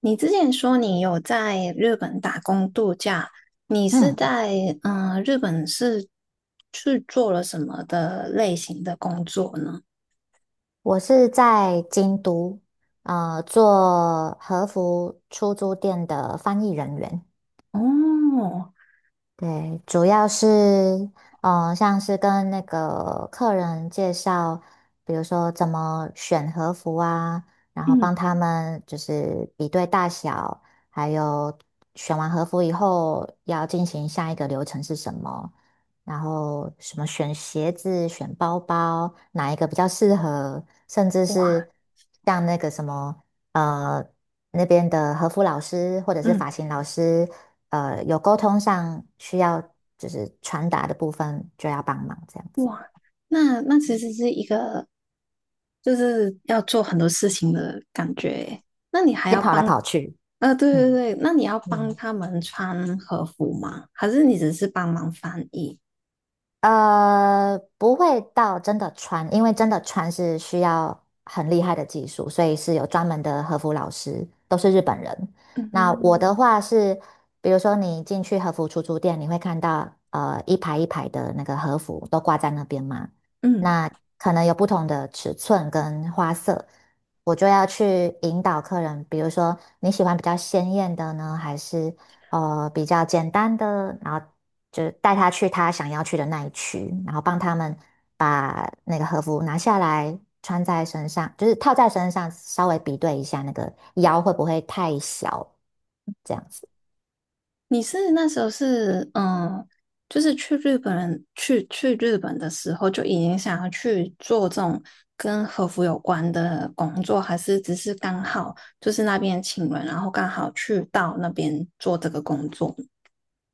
你之前说你有在日本打工度假，你是嗯，在日本是去做了什么的类型的工作呢？我是在京都，做和服出租店的翻译人员。哦，对，主要是，像是跟那个客人介绍，比如说怎么选和服啊，然后嗯，帮他们就是比对大小，还有选完和服以后要进行下一个流程是什么，然后什么选鞋子、选包包，哪一个比较适合，甚至哇，是像那个什么，呃，那边的和服老师或者是嗯，发型老师。有沟通上需要就是传达的部分就要帮忙这样子，哇，那其实是一个就是要做很多事情的感觉耶那你还要要跑来帮，跑去，啊？对对嗯对，那你要帮嗯。他们穿和服吗？还是你只是帮忙翻译？不会到真的穿，因为真的穿是需要很厉害的技术，所以是有专门的和服老师，都是日本人。那我嗯的话是，比如说你进去和服出租店，你会看到一排一排的那个和服都挂在那边嘛，嗯。那可能有不同的尺寸跟花色，我就要去引导客人，比如说你喜欢比较鲜艳的呢，还是？比较简单的，然后就是带他去他想要去的那一区，然后帮他们那个和服拿下来穿在身上，就是套在身上，稍微比对一下那个腰会不会太小，这样子。你是那时候是就是去日本的时候就已经想要去做这种跟和服有关的工作，还是只是刚好就是那边请人，然后刚好去到那边做这个工作？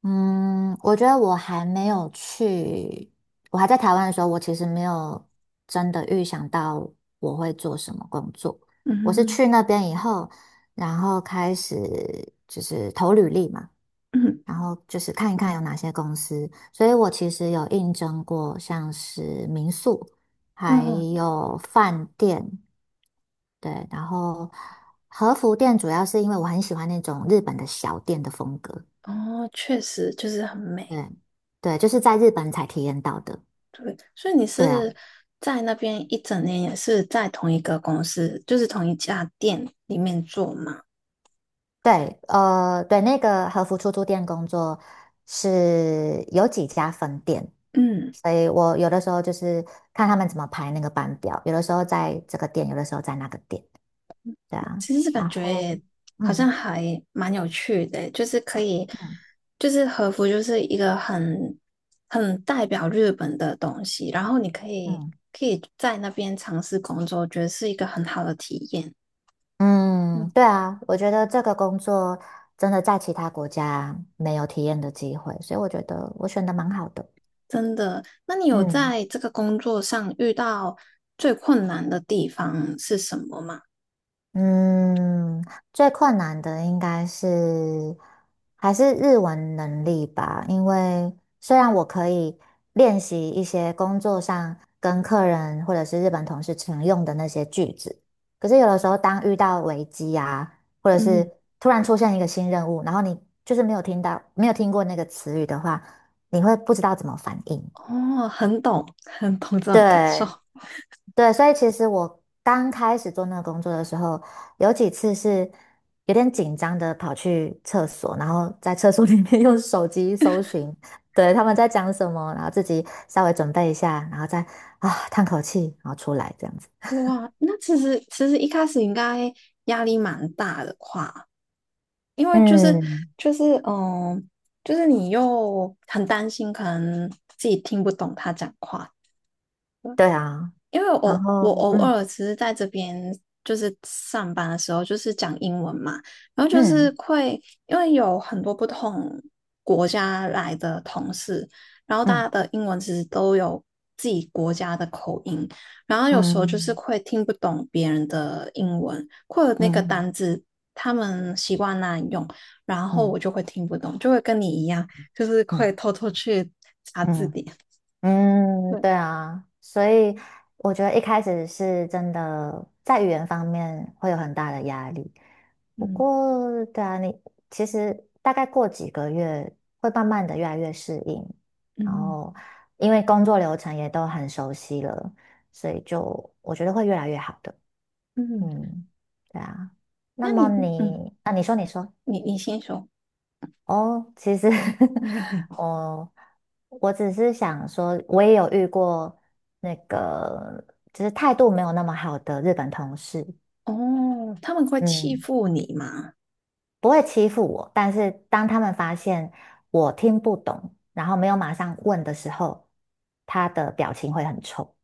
嗯，我觉得我还没有去，我还在台湾的时候，我其实没有真的预想到我会做什么工作。我是嗯去那边以后，然后开始就是投履历嘛。嗯然后就是看一看有哪些公司。所以我其实有应征过，像是民宿，还哦有饭店，对，然后和服店主要是因为我很喜欢那种日本的小店的风格，哦，确实就是很美，对，对，就是在日本才体验到的。对，所以你对啊，是在那边一整年也是在同一个公司，就是同一家店里面做吗？对，对，那个和服出租店工作是有几家分店，嗯。所以我有的时候就是看他们怎么排那个班表，有的时候在这个店，有的时候在那个店。对啊，其实感然后，觉好像嗯还蛮有趣的欸，就是可以，嗯就是和服就是一个很代表日本的东西，然后你可以嗯可以在那边尝试工作，我觉得是一个很好的体验。嗯，嗯，对啊，我觉得这个工作真的在其他国家没有体验的机会，所以我觉得我选的蛮好的。真的。那你有嗯在这个工作上遇到最困难的地方是什么吗？嗯，最困难的应该是还是日文能力吧，因为虽然我可以练习一些工作上跟客人或者是日本同事常用的那些句子，可是有的时候当遇到危机啊，或者是嗯，突然出现一个新任务，然后你就是没有听到，没有听过那个词语的话，你会不知道怎么反应。哦，很懂，很懂这种感受。对，对，所以其实我刚开始做那个工作的时候，有几次是有点紧张的跑去厕所，然后在厕所里面 用手机搜寻，对，他们在讲什么，然后自己稍微准备一下，然后再啊叹口气，然后出来这样子。哇，那其实一开始应该压力蛮大的话。因为嗯，就是嗯，就是你又很担心，可能自己听不懂他讲话，对对啊，因为然我后我偶嗯尔只是在这边就是上班的时候，就是讲英文嘛，然后就嗯是会因为有很多不同国家来的同事，然后大家嗯的英文其实都有自己国家的口音，然后有时候就是嗯会听不懂别人的英文，或者那个嗯单字他们习惯那样用，然嗯后我嗯就会听不懂，就会跟你一样，就是嗯会嗯。偷偷去查字嗯典。嗯，对，对啊，所以我觉得一开始是真的在语言方面会有很大的压力。不嗯过，对啊，你其实大概过几个月会慢慢的越来越适应，然嗯后因为工作流程也都很熟悉了，所以就我觉得会越来越好的。嗯，嗯，对啊。那那么你嗯，你啊，你说你说，你先说。哦，其实 我我只是想说，我也有遇过那个，就是态度没有那么好的日本同事，哦，他们会欺嗯，负你吗？不会欺负我，但是当他们发现我听不懂，然后没有马上问的时候，他的表情会很臭，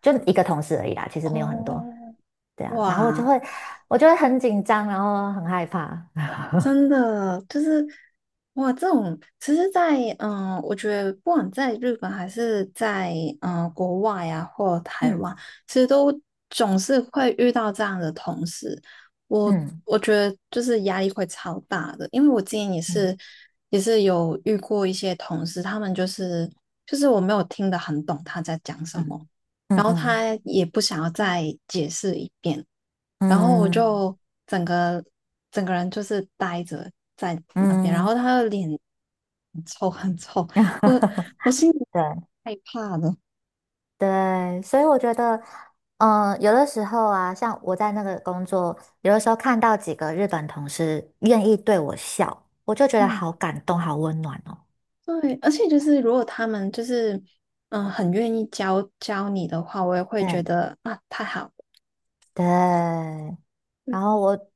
就一个同事而已啦，其实没有很多，哦，对啊，然后我就哇，会我就会很紧张，然后很害怕，真的就是哇，这种其实在，我觉得不管在日本还是在国外呀、或台嗯湾，其实都总是会遇到这样的同事。我嗯我觉得就是压力会超大的，因为我之前也嗯是也是有遇过一些同事，他们就是我没有听得很懂他在讲什嗯么，嗯然后嗯他也不想要再解释一遍。然后我嗯。就整个整个人就是呆着在那边，然嗯 后他的脸很臭很臭，我 我心里对害怕的，对，所以我觉得，有的时候啊，像我在那个工作，有的时候看到几个日本同事愿意对我笑，我就觉得嗯，好感动，好温暖哦。对，而且就是如果他们就是很愿意教教你的话，我也会对觉得啊太好了，对，然对后我，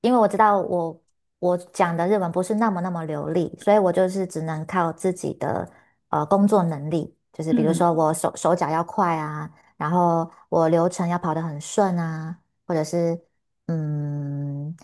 因为我知道我讲的日文不是那么流利，所以我就是只能靠自己的工作能力，就是比如嗯说我手脚要快啊，然后我流程要跑得很顺啊，或者是嗯，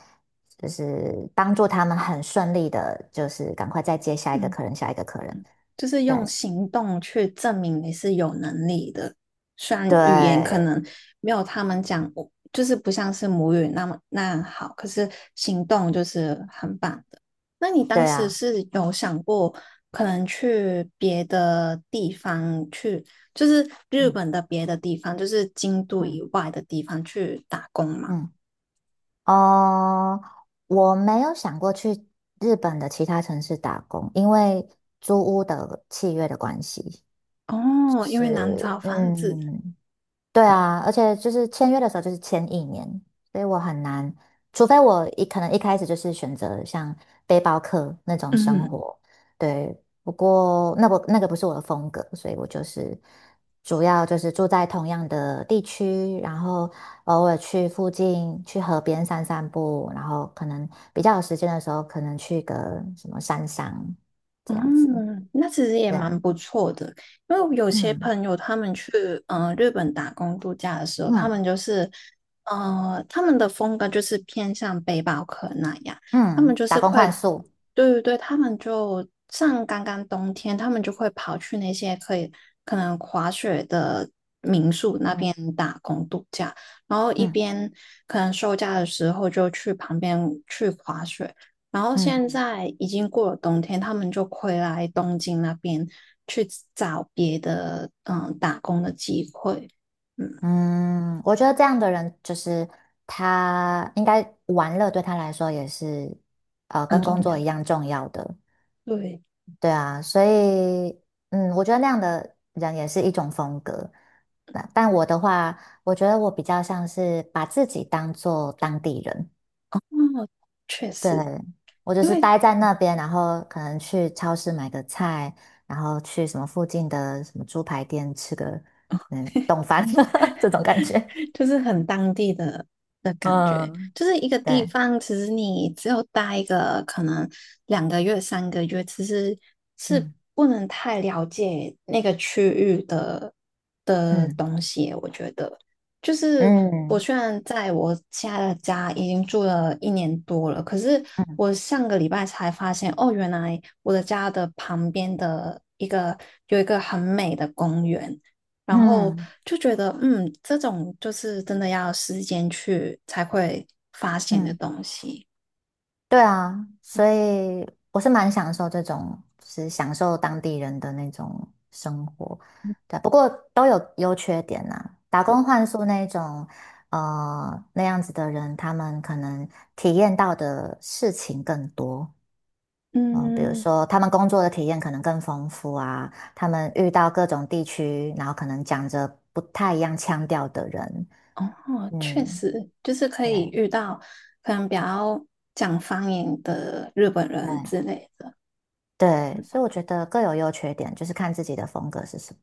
就是帮助他们很顺利的，就是赶快再接下一个嗯。客人，下一个客人。就是用行动去证明你是有能力的。虽然语言可对，能没有他们讲，就是不像是母语那么那好，可是行动就是很棒的。那你对当时啊，是有想过可能去别的地方去，就是日嗯本的别的地方，就是京都以嗯外的地方去打工吗？嗯。哦，我没有想过去日本的其他城市打工，因为租屋的契约的关系，就哦，因为是难找房子，嗯。对啊，而且就是签约的时候就是签一年，所以我很难，除非可能一开始就是选择像背包客那种生嗯。活，对。不过那我那个不是我的风格，所以我就是主要就是住在同样的地区，然后偶尔去附近去河边散散步，然后可能比较有时间的时候，可能去个什么山上这样子，嗯，那其实也对啊，蛮不错的，因为有些嗯朋友他们去日本打工度假的时候，他嗯们他们的风格就是偏向背包客那样，他们嗯，就打是工会，换宿，对对对，他们就像刚刚冬天，他们就会跑去那些可能滑雪的边嗯打工度假，然后一嗯边可能休假的时候就去旁边去滑雪。然后现嗯。在已经过了冬天，他们就回来东京那边去找别的打工的机会，嗯，嗯，我觉得这样的人就是他应该玩乐对他来说也是很跟工重作要。一样重要的，对，对啊，所以嗯，我觉得那样的人也是一种风格。那但我的话，我觉得我比较像是把自己当做当地人，嗯，确对，实，我就因是为待在那边，然后可能去超市买个菜，然后去什么附近的什么猪排店吃个冻饭 这种感觉，就是很当地的感觉，嗯，就是一个地对。方，其实你只有待一个可能2个月、3个月，其实是嗯不能太了解那个区域的嗯东西。我觉得，就是我嗯虽然在我现在的家已经住了一年多了，可是嗯我上个礼拜才发现，哦，原来我的家的旁边的一个有一个很美的公园。然后嗯就觉得，这种就是真的要时间去才会发现的嗯，东西。对啊，所以我是蛮享受这种，就是享受当地人的那种生活。对啊，不过都有优缺点呐、打工换宿那种，那样子的人，他们可能体验到的事情更多。比如嗯，说他们工作的体验可能更丰富啊，他们遇到各种地区，然后可能讲着不太一样腔调的人，哦，确嗯，实，就是可对。以遇到可能比较讲方言的日本人对之类的。对，所以我觉得各有优缺点，就是看自己的风格是什么。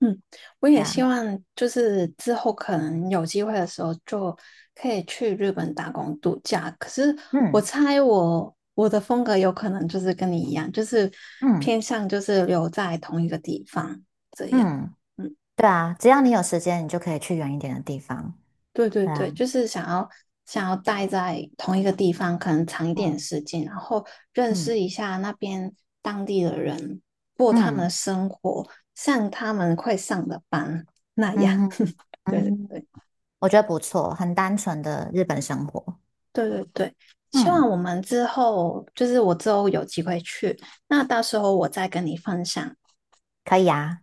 嗯，我对也希啊，望就是之后可能有机会的时候就可以去日本打工度假。可是我嗯猜我的风格有可能就是跟你一样，就是嗯偏向就是留在同一个地方这样。嗯，嗯，对啊，只要你有时间，你就可以去远一点的地方。对对对对，啊，就是想要待在同一个地方，可能长一嗯点时间，然后认识嗯一下那边当地的人，过他们的嗯生活，像他们会上的班那样。嗯哼 对嗯，对对。我觉得不错，很单纯的日本生活。对对对，希望嗯，我们之后就是我之后有机会去，那到时候我再跟你分享可以啊。